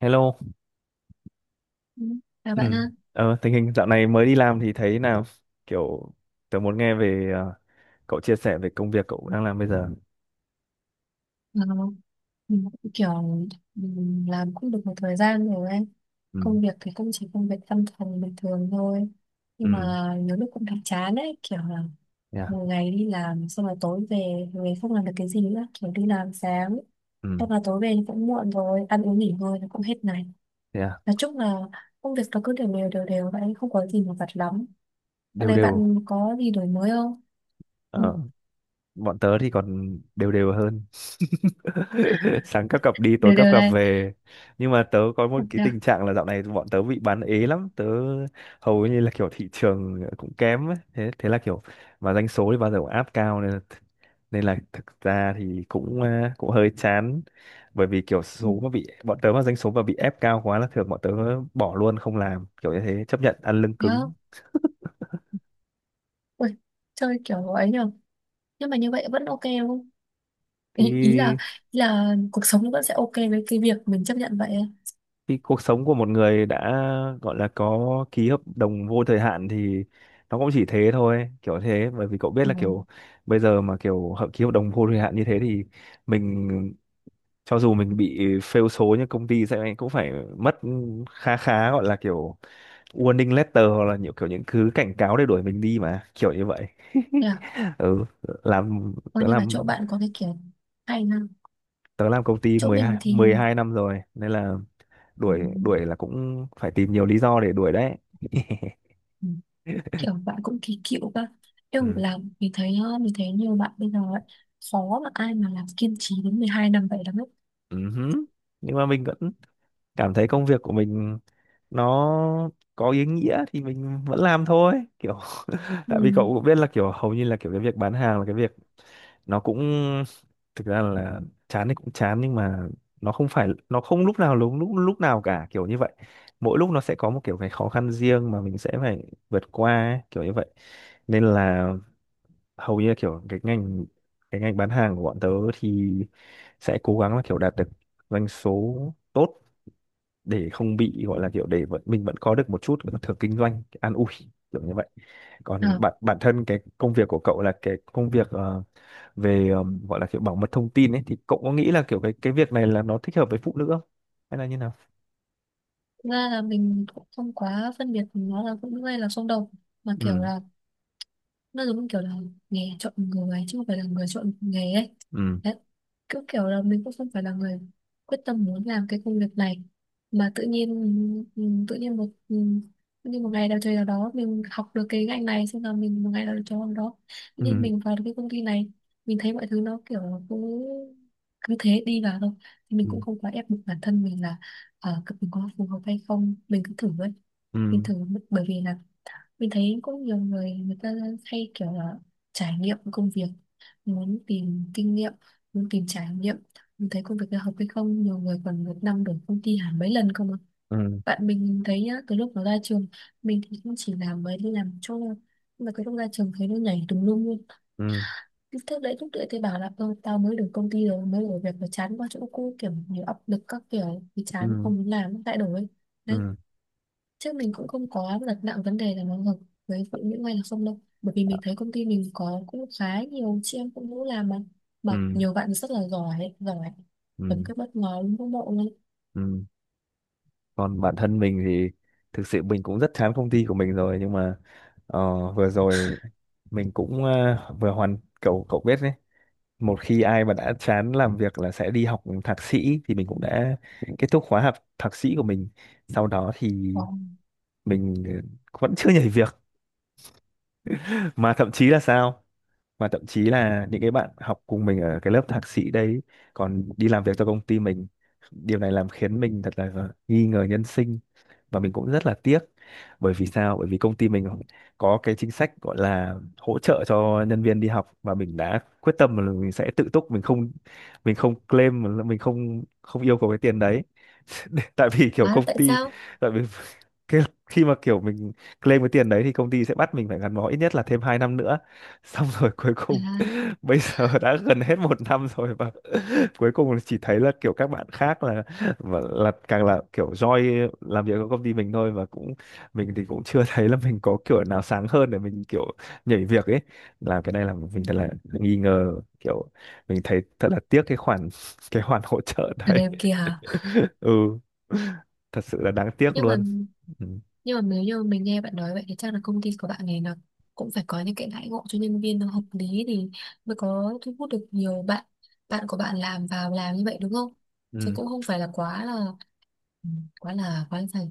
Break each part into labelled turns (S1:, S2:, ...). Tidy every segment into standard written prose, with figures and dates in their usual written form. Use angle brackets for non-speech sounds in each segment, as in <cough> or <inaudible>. S1: Hello.
S2: Ừ. À
S1: Ừ.
S2: bạn ha,
S1: Tình hình dạo này mới đi làm thì thấy nào, kiểu tớ muốn nghe về cậu chia sẻ về công việc cậu đang làm bây giờ.
S2: Ờ, mình cũng kiểu mình làm cũng được một thời gian rồi ấy.
S1: Ừ.
S2: Công việc thì cũng chỉ công việc văn phòng bình thường thôi. Nhưng mà
S1: Ừ.
S2: nhiều lúc cũng thấy chán ấy, kiểu là
S1: Yeah.
S2: một ngày đi làm xong là tối về, về không làm được cái gì nữa, kiểu đi làm sáng,
S1: Ừ.
S2: xong là tối về thì cũng muộn rồi, ăn uống nghỉ ngơi nó cũng hết ngày.
S1: Yeah.
S2: Nói chung là công việc nó cứ đều đều vậy, không có gì mà vặt lắm. Sau
S1: Đều
S2: này
S1: đều.
S2: bạn có gì đổi mới không? Ừ,
S1: Ờ. Bọn tớ thì còn đều đều hơn <laughs> sáng các cặp đi tối
S2: đều
S1: các
S2: đều
S1: cặp
S2: này.
S1: về, nhưng mà tớ có
S2: Ừ.
S1: một cái
S2: Đó.
S1: tình trạng là dạo này bọn tớ bị bán ế lắm tớ, hầu như là kiểu thị trường cũng kém ấy. Thế thế là kiểu mà doanh số thì bao giờ cũng áp cao nên là thực ra thì cũng à, cũng hơi chán, bởi vì kiểu
S2: Ừ.
S1: số mà bị bọn tớ mà doanh số mà bị ép cao quá là thường bọn tớ bỏ luôn không làm kiểu như thế, chấp nhận ăn lưng cứng.
S2: Đó. Ui, chơi kiểu ấy nhờ, nhưng mà như vậy vẫn ok đúng không, ý, ý là
S1: Thì
S2: ý là cuộc sống nó vẫn sẽ ok với cái việc mình chấp nhận vậy ấy.
S1: cái cuộc sống của một người đã gọi là có ký hợp đồng vô thời hạn thì nó cũng chỉ thế thôi kiểu thế, bởi vì cậu biết
S2: Ừ.
S1: là kiểu bây giờ mà kiểu ký hợp đồng vô thời hạn như thế thì mình, cho dù mình bị fail số như công ty sẽ cũng phải mất khá khá gọi là kiểu warning letter hoặc là nhiều kiểu những thứ cảnh cáo để đuổi mình đi mà kiểu như vậy.
S2: Yeah.
S1: <laughs> Ừ, làm
S2: Coi
S1: tớ
S2: như là chỗ
S1: làm
S2: bạn có cái kiểu hay ha,
S1: tớ làm công ty
S2: chỗ
S1: mười
S2: mình
S1: hai
S2: thì
S1: mười hai năm rồi nên là
S2: ừ,
S1: đuổi đuổi là cũng phải tìm nhiều lý do để đuổi đấy. <laughs>
S2: ừ, kiểu bạn cũng kỳ cựu cơ, nhưng mà
S1: Ừ.
S2: làm mình thấy mình thấy nhiều bạn bây giờ ấy, khó mà ai mà làm kiên trì đến 12 năm vậy lắm ấy.
S1: Ừ hứ. Nhưng mà mình vẫn cảm thấy công việc của mình nó có ý nghĩa thì mình vẫn làm thôi kiểu. <laughs>
S2: Ừ.
S1: Tại vì cậu cũng biết là kiểu hầu như là kiểu cái việc bán hàng là cái việc nó cũng thực ra là chán thì cũng chán, nhưng mà nó không phải nó không lúc nào cả kiểu như vậy, mỗi lúc nó sẽ có một kiểu cái khó khăn riêng mà mình sẽ phải vượt qua ấy, kiểu như vậy. Nên là hầu như là kiểu cái ngành bán hàng của bọn tớ thì sẽ cố gắng là kiểu đạt được doanh số tốt để không bị gọi là kiểu để vẫn, mình vẫn có được một chút cái thưởng kinh doanh cái an ủi kiểu như vậy. Còn
S2: À,
S1: bản bản thân cái công việc của cậu là cái công việc về gọi là kiểu bảo mật thông tin ấy, thì cậu có nghĩ là kiểu cái việc này là nó thích hợp với phụ nữ không, hay là như nào?
S2: ra là mình cũng không quá phân biệt nó là cũng như là xung đột, mà kiểu
S1: Ừ.
S2: là nó giống kiểu là nghề chọn người chứ không phải là người chọn nghề ấy.
S1: Ừ.
S2: Đấy, cứ kiểu là mình cũng không phải là người quyết tâm muốn làm cái công việc này, mà tự nhiên ừ, tự nhiên một ừ, tự nhiên một ngày nào trời nào đó mình học được cái ngành này xong là mình một ngày nào trời nào đó
S1: Ừ.
S2: tự nhiên mình vào được cái công ty này. Mình thấy mọi thứ nó kiểu cứ cứ thế đi vào thôi, thì
S1: Ừ.
S2: mình cũng không quá ép buộc bản thân mình là mình có phù hợp hay không, mình cứ thử ấy,
S1: Ừ.
S2: mình thử. Bởi vì là mình thấy cũng nhiều người người ta hay kiểu là trải nghiệm công việc, muốn tìm kinh nghiệm, muốn tìm trải nghiệm. Mình thấy công việc là hợp hay không, nhiều người còn một năm đổi công ty hẳn mấy lần không ạ.
S1: Ừ.
S2: Bạn mình thấy nhá, từ lúc nó ra trường, mình thì cũng chỉ làm mới đi làm chỗ thôi. Nhưng mà cái lúc ra trường thấy nó nhảy tùm lum luôn.
S1: Ừ.
S2: Cứ thế đấy, lúc đấy thì bảo là "Ơ, tao mới được công ty rồi mới đổi việc và chán quá chỗ cũ kiểu nhiều áp lực các kiểu thì
S1: Ừ.
S2: chán
S1: Ừ.
S2: không muốn làm lại đổi." Đấy.
S1: Ừ.
S2: Chứ mình cũng không có đặt nặng vấn đề là nó hợp với phụ nữ hay là không đâu. Bởi vì mình thấy công ty mình có cũng khá nhiều chị em phụ nữ làm mà. Mà nhiều bạn rất là giỏi, giỏi.
S1: Ừ.
S2: Tấm cái bất ngờ luôn các bộ luôn.
S1: Ừ. Còn bản thân mình thì thực sự mình cũng rất chán công ty của mình rồi, nhưng mà ờ, vừa rồi mình cũng vừa hoàn, cậu cậu biết đấy, một khi ai mà đã chán làm việc là sẽ đi học thạc sĩ, thì mình cũng đã kết thúc khóa học thạc sĩ của mình. Sau đó thì
S2: Ồ.
S1: mình vẫn chưa nhảy việc, mà thậm chí là sao, mà thậm chí là những cái bạn học cùng mình ở cái lớp thạc sĩ đấy còn đi làm việc cho công ty mình. Điều này làm khiến mình thật là nghi ngờ nhân sinh, và mình cũng rất là tiếc. Bởi vì sao, bởi vì công ty mình có cái chính sách gọi là hỗ trợ cho nhân viên đi học, và mình đã quyết tâm là mình sẽ tự túc, mình không, mình không claim, mình không không yêu cầu cái tiền đấy. <laughs> Tại vì kiểu
S2: Đó,
S1: công
S2: tại
S1: ty,
S2: sao?
S1: tại vì <laughs> cái, khi mà kiểu mình claim cái tiền đấy thì công ty sẽ bắt mình phải gắn bó ít nhất là thêm 2 năm nữa, <laughs> xong rồi cuối cùng
S2: À,
S1: <laughs> bây giờ đã gần hết một năm rồi, và <laughs> cuối cùng là chỉ thấy là kiểu các bạn khác là và là càng là kiểu joy làm việc ở công ty mình thôi. Và cũng mình thì cũng chưa <laughs> thấy là mình có kiểu nào sáng hơn để mình kiểu nhảy việc ấy. Làm cái này là mình thật là nghi ngờ kiểu, mình thấy thật là tiếc cái khoản <laughs> cái khoản hỗ trợ
S2: ở
S1: đấy.
S2: đây kia hả?
S1: <laughs> Ừ, thật sự là đáng tiếc
S2: Nhưng mà
S1: luôn. Ừ.
S2: nhưng mà nếu như mình nghe bạn nói vậy thì chắc là công ty của bạn này là cũng phải có những cái đãi ngộ cho nhân viên nó hợp lý, thì mới có thu hút được nhiều bạn, bạn của bạn làm vào làm như vậy đúng không? Chứ
S1: Ừ.
S2: cũng không phải là quá là ừ, quá là dày,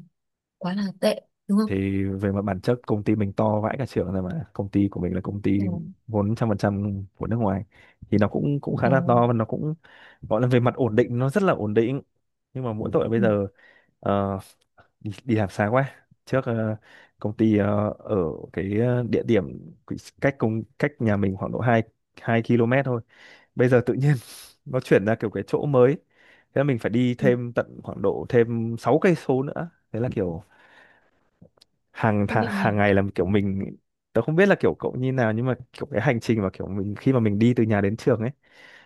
S2: quá là tệ đúng không.
S1: Thì về mặt bản chất công ty mình to vãi cả trưởng rồi mà, công ty của mình là công ty
S2: Ừ.
S1: vốn 100% của nước ngoài, thì nó cũng cũng khá
S2: Ừ.
S1: là to và nó cũng gọi là về mặt ổn định nó rất là ổn định. Nhưng mà mỗi tội bây
S2: Ừ.
S1: giờ ờ, đi làm xa quá, trước công ty ở địa điểm cách cách nhà mình khoảng độ hai 2 km thôi, bây giờ tự nhiên <laughs> nó chuyển ra kiểu cái chỗ mới, thế là mình phải đi
S2: Ừ.
S1: thêm tận khoảng độ thêm 6 cây số nữa, thế là kiểu
S2: Công nhận nhỉ.
S1: hàng ngày là kiểu mình, tớ không biết là kiểu cậu như nào nhưng mà kiểu cái hành trình mà kiểu mình khi mà mình đi từ nhà đến trường ấy,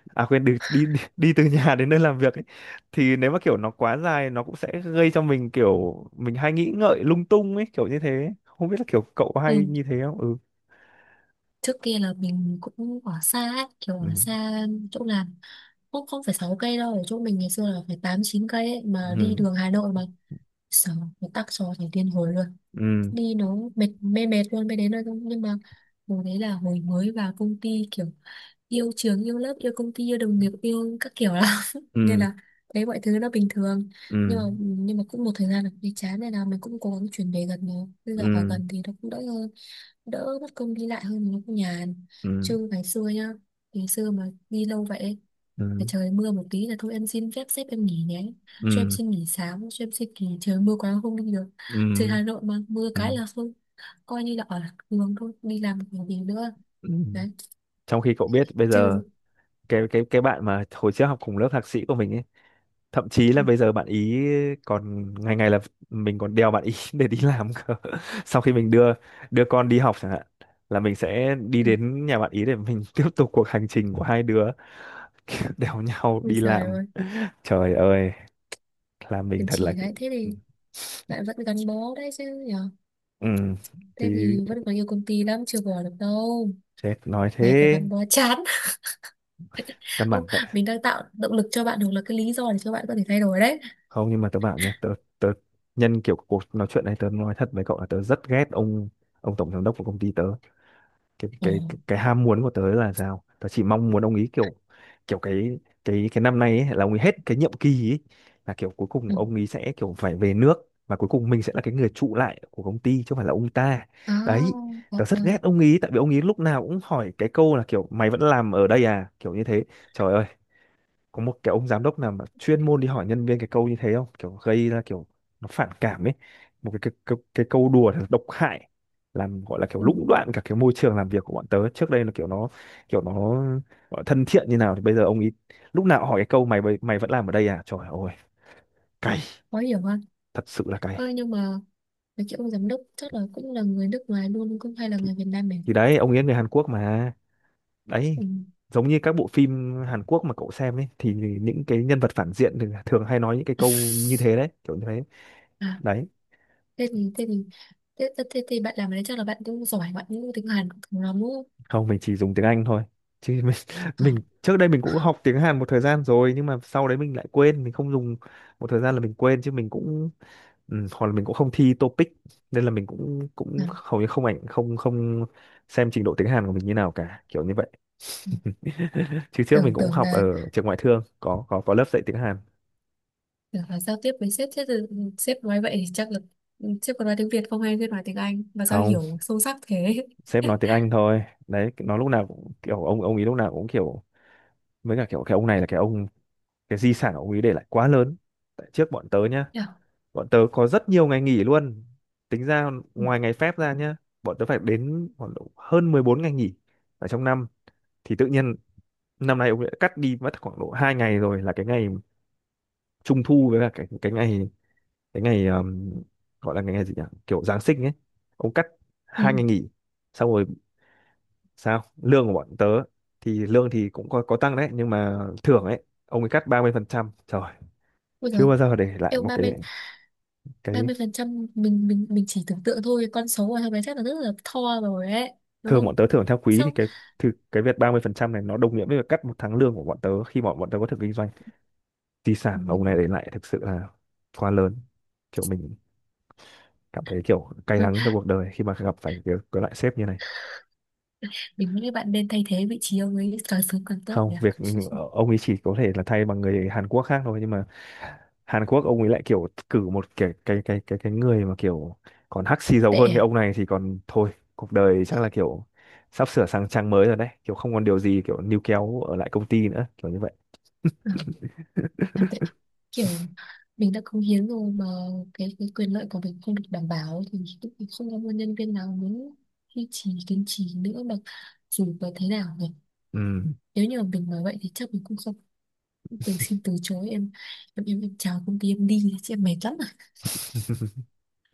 S1: à quên, đi đi đi <laughs> từ nhà đến nơi làm việc ấy, thì nếu mà kiểu nó quá dài nó cũng sẽ gây cho mình kiểu mình hay nghĩ ngợi lung tung ấy kiểu như thế, không biết là kiểu cậu có hay
S2: Ừ.
S1: như thế không. Ừ.
S2: Trước kia là mình cũng ở xa ấy, kiểu ở
S1: Ừ.
S2: xa chỗ làm, cũng không phải 6 cây đâu, ở chỗ mình ngày xưa là phải 8 9 cây ấy, mà đi đường Hà Nội mà sợ nó tắc cho thành điên hồi luôn.
S1: Ừ.
S2: Đi nó mệt mê mệt luôn mới đến nơi thôi, nhưng mà hồi đấy là hồi mới vào công ty, kiểu yêu trường yêu lớp yêu công ty yêu đồng nghiệp yêu các kiểu lắm, nên
S1: Ừ.
S2: là đấy mọi thứ nó bình thường.
S1: Ừ.
S2: Nhưng mà cũng một thời gian là cũng thấy chán, nên là mình cũng cố gắng chuyển về gần rồi, bây giờ ở
S1: Ừ.
S2: gần thì nó cũng đỡ hơn, đỡ mất công đi lại hơn nó cũng nhàn.
S1: Ừ.
S2: Chứ ngày xưa nhá, ngày xưa mà đi lâu vậy,
S1: Ừ.
S2: để trời mưa một tí là thôi em xin phép sếp em nghỉ nhé, cho em
S1: Ừ.
S2: xin nghỉ sáng, cho em xin nghỉ, trời mưa quá không đi được.
S1: Ừ. Ừ.
S2: Trời
S1: Ừ.
S2: Hà Nội mà mưa cái là thôi, coi như là ở đường thôi, đi làm còn gì nữa.
S1: Ừ.
S2: Đấy
S1: Trong khi cậu biết bây giờ
S2: chứ.
S1: cái bạn mà hồi trước học cùng lớp thạc sĩ của mình ấy, thậm chí
S2: Ừ,
S1: là bây giờ bạn ý còn ngày ngày là mình còn đèo bạn ý <laughs> để đi làm cơ. Sau khi mình đưa, đưa con đi học chẳng hạn, là mình sẽ đi
S2: ừ.
S1: đến nhà bạn ý để mình <laughs> tiếp tục cuộc hành trình của hai đứa. <laughs> Kiểu đèo nhau
S2: Ôi
S1: đi
S2: trời
S1: làm,
S2: ơi,
S1: trời ơi là mình
S2: kiềm
S1: thật là.
S2: chỉ đấy, thế thì bạn vẫn gắn bó đấy chứ nhở.
S1: Ừ.
S2: Thế
S1: Thì
S2: thì vẫn còn nhiều công ty lắm, chưa bỏ được đâu,
S1: chết nói
S2: này còn
S1: thế,
S2: gắn bó chán.
S1: căn
S2: <laughs> Ông,
S1: bản tại,
S2: mình đang tạo động lực cho bạn hoặc là cái lý do để cho bạn có thể thay đổi đấy.
S1: không nhưng mà tớ bảo nhá, tớ tớ nhân kiểu cuộc nói chuyện này tớ nói thật với cậu là tớ rất ghét ông tổng giám đốc của công ty tớ. cái
S2: Ừ.
S1: cái cái ham muốn của tớ là sao, tớ chỉ mong muốn ông ý kiểu, kiểu cái năm nay ấy, là ông ấy hết cái nhiệm kỳ ấy, là kiểu cuối
S2: Ừ.
S1: cùng ông ý sẽ kiểu phải về nước, và cuối cùng mình sẽ là cái người trụ lại của công ty chứ không phải là ông ta.
S2: À,
S1: Đấy,
S2: dạ
S1: tớ rất
S2: vâng.
S1: ghét ông ý tại vì ông ý lúc nào cũng hỏi cái câu là kiểu mày vẫn làm ở đây à, kiểu như thế. Trời ơi, có một cái ông giám đốc nào mà chuyên môn đi hỏi nhân viên cái câu như thế không, kiểu gây ra kiểu nó phản cảm ấy. Một cái câu đùa thật độc hại, làm gọi là kiểu
S2: Ừ.
S1: lũng đoạn cả cái môi trường làm việc của bọn tớ. Trước đây là kiểu nó, kiểu nó gọi là thân thiện như nào, thì bây giờ ông ý lúc nào hỏi cái câu mày vẫn làm ở đây à. Trời ơi, cay,
S2: Khó hiểu hơn.
S1: thật sự là cay.
S2: Ơi nhưng mà cái kiểu ông giám đốc chắc là cũng là người nước ngoài luôn, cũng hay là người Việt Nam mình.
S1: Thì đấy, ông ấy người Hàn Quốc mà. Đấy,
S2: Ừ.
S1: giống như các bộ phim Hàn Quốc mà cậu xem ấy, thì những cái nhân vật phản diện thì thường hay nói những cái câu như thế đấy, kiểu như thế
S2: À.
S1: đấy.
S2: thế thì thế thì thế thì bạn làm ở đấy chắc là bạn cũng giỏi, bạn cũng tiếng Hàn cũng thường lắm đúng không.
S1: Không, mình chỉ dùng tiếng Anh thôi, chứ mình, <laughs>
S2: Ờ.
S1: mình trước đây mình cũng học tiếng Hàn một thời gian rồi, nhưng mà sau đấy mình lại quên, mình không dùng một thời gian là mình quên, chứ mình cũng ừ, hoặc là mình cũng không thi TOEIC nên là mình cũng cũng hầu như không, không xem trình độ tiếng Hàn của mình như nào cả, kiểu như vậy.
S2: Ừ.
S1: <laughs> Chứ trước mình
S2: Tưởng
S1: cũng
S2: tưởng
S1: học
S2: là
S1: ở trường ngoại thương có lớp dạy tiếng Hàn.
S2: Tưởng là giao tiếp với sếp, sếp thì- sếp nói vậy thì chắc là sếp còn nói tiếng Việt không, hay sếp nói tiếng Anh mà sao
S1: Không,
S2: hiểu sâu sắc thế.
S1: sếp nói
S2: <laughs>
S1: tiếng Anh thôi đấy, nó lúc nào cũng kiểu ông ấy lúc nào cũng kiểu. Với cả kiểu cái ông, cái di sản ông ấy để lại quá lớn. Tại trước bọn tớ nhá,
S2: Hiểu.
S1: bọn tớ có rất nhiều ngày nghỉ luôn, tính ra
S2: Ừ.
S1: ngoài ngày phép ra nhá, bọn tớ phải đến khoảng độ hơn 14 ngày nghỉ ở trong năm. Thì tự nhiên năm nay ông lại cắt đi mất khoảng độ 2 ngày, rồi là cái ngày trung thu với cả cái ngày, cái ngày gọi là cái ngày gì nhỉ, kiểu Giáng sinh ấy. Ông cắt
S2: Ừ.
S1: 2 ngày nghỉ. Xong rồi sao, lương của bọn tớ thì lương thì cũng có tăng đấy, nhưng mà thưởng ấy ông ấy cắt 30%. Trời,
S2: Ôi giời,
S1: chưa bao giờ để lại
S2: em
S1: một
S2: ba
S1: cái
S2: mươi ba
S1: cái
S2: mươi phần trăm mình mình mình chỉ tưởng tượng thôi, con số của thằng bé chắc là rất là to rồi ấy đúng
S1: thường
S2: không.
S1: bọn tớ thưởng theo quý,
S2: Sao.
S1: thì cái việc 30% này nó đồng nghĩa với việc cắt một tháng lương của bọn tớ khi bọn bọn tớ có thực kinh doanh. Di sản mà ông
S2: Ừ.
S1: này để lại thực sự là quá lớn, kiểu mình cảm thấy kiểu cay
S2: Thôi
S1: đắng trong cuộc đời khi mà gặp phải cái loại sếp như này.
S2: mình nghĩ bạn nên thay thế vị trí ông ấy càng sớm càng tốt
S1: Không
S2: nhỉ.
S1: việc ừ, ông ấy chỉ có thể là thay bằng người Hàn Quốc khác thôi, nhưng mà Hàn Quốc ông ấy lại kiểu cử một cái người mà kiểu còn hắc xì dầu
S2: Tệ
S1: hơn cái
S2: à?
S1: ông này thì còn thôi. Cuộc đời chắc là kiểu sắp sửa sang trang mới rồi đấy, kiểu không còn điều gì kiểu níu kéo ở lại công ty nữa, kiểu như vậy.
S2: Ừ. À, tại kiểu mình đã cống hiến rồi mà cái quyền lợi của mình không được đảm bảo thì cũng không có một nhân viên nào muốn duy trì kiên trì nữa mà, dù có thế nào nhỉ.
S1: Ừ.
S2: Nếu như mà mình nói vậy thì chắc mình cũng không từng xin từ chối, em chào công ty em đi chị, em mệt lắm à,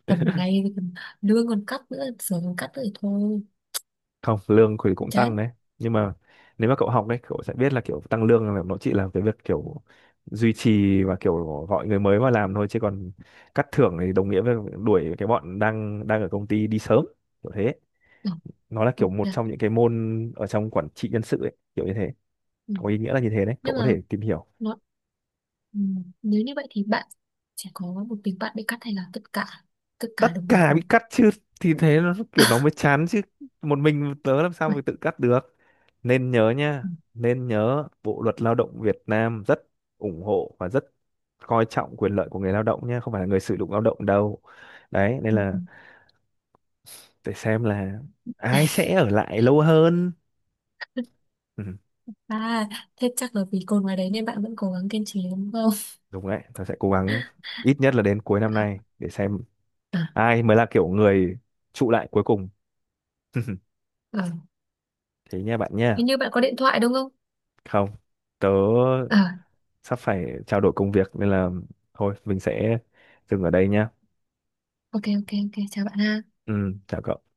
S2: tầm này thì còn lương còn cắt nữa, giờ còn cắt nữa thì thôi
S1: Không, lương thì cũng tăng
S2: chán.
S1: đấy. Nhưng mà nếu mà cậu học đấy, cậu sẽ biết là kiểu tăng lương là nó chỉ là cái việc kiểu duy trì và kiểu gọi người mới vào làm thôi, chứ còn cắt thưởng thì đồng nghĩa với đuổi cái bọn đang đang ở công ty đi sớm, kiểu thế.
S2: Ừ,
S1: Nó là
S2: ừ,
S1: kiểu một
S2: thế à?
S1: trong những cái môn ở trong quản trị nhân sự ấy, kiểu như thế.
S2: Ừ.
S1: Có ý nghĩa là như thế đấy, cậu
S2: Nhưng
S1: có
S2: mà
S1: thể tìm hiểu.
S2: nó ừ. Nếu như vậy thì bạn sẽ có một mình bạn bị cắt hay là tất cả
S1: Tất
S2: đồng loạt
S1: cả bị
S2: luôn.
S1: cắt chứ, thì thế nó kiểu nó mới
S2: <laughs>
S1: chán chứ, một mình tớ làm sao
S2: Vậy.
S1: mà tự cắt được. Nên nhớ nha,
S2: Ừ.
S1: nên nhớ Bộ luật lao động Việt Nam rất ủng hộ và rất coi trọng quyền lợi của người lao động nha, không phải là người sử dụng lao động đâu. Đấy, nên
S2: Ừ,
S1: là
S2: ừ.
S1: để xem là ai sẽ ở lại lâu hơn. Ừ,
S2: À, thế chắc là vì cồn ngoài đấy nên bạn vẫn cố gắng kiên trì đúng không?
S1: đúng đấy, tớ sẽ cố gắng ít nhất là đến cuối năm nay
S2: <laughs>
S1: để xem
S2: À, à,
S1: ai mới là kiểu người trụ lại cuối cùng. <laughs>
S2: à.
S1: Thế nha bạn nha.
S2: Hình như bạn có điện thoại đúng không?
S1: Không, tớ
S2: À,
S1: sắp phải trao đổi công việc nên là thôi mình sẽ dừng ở đây nhá.
S2: ok ok ok chào bạn ha.
S1: Ừ, chào cậu.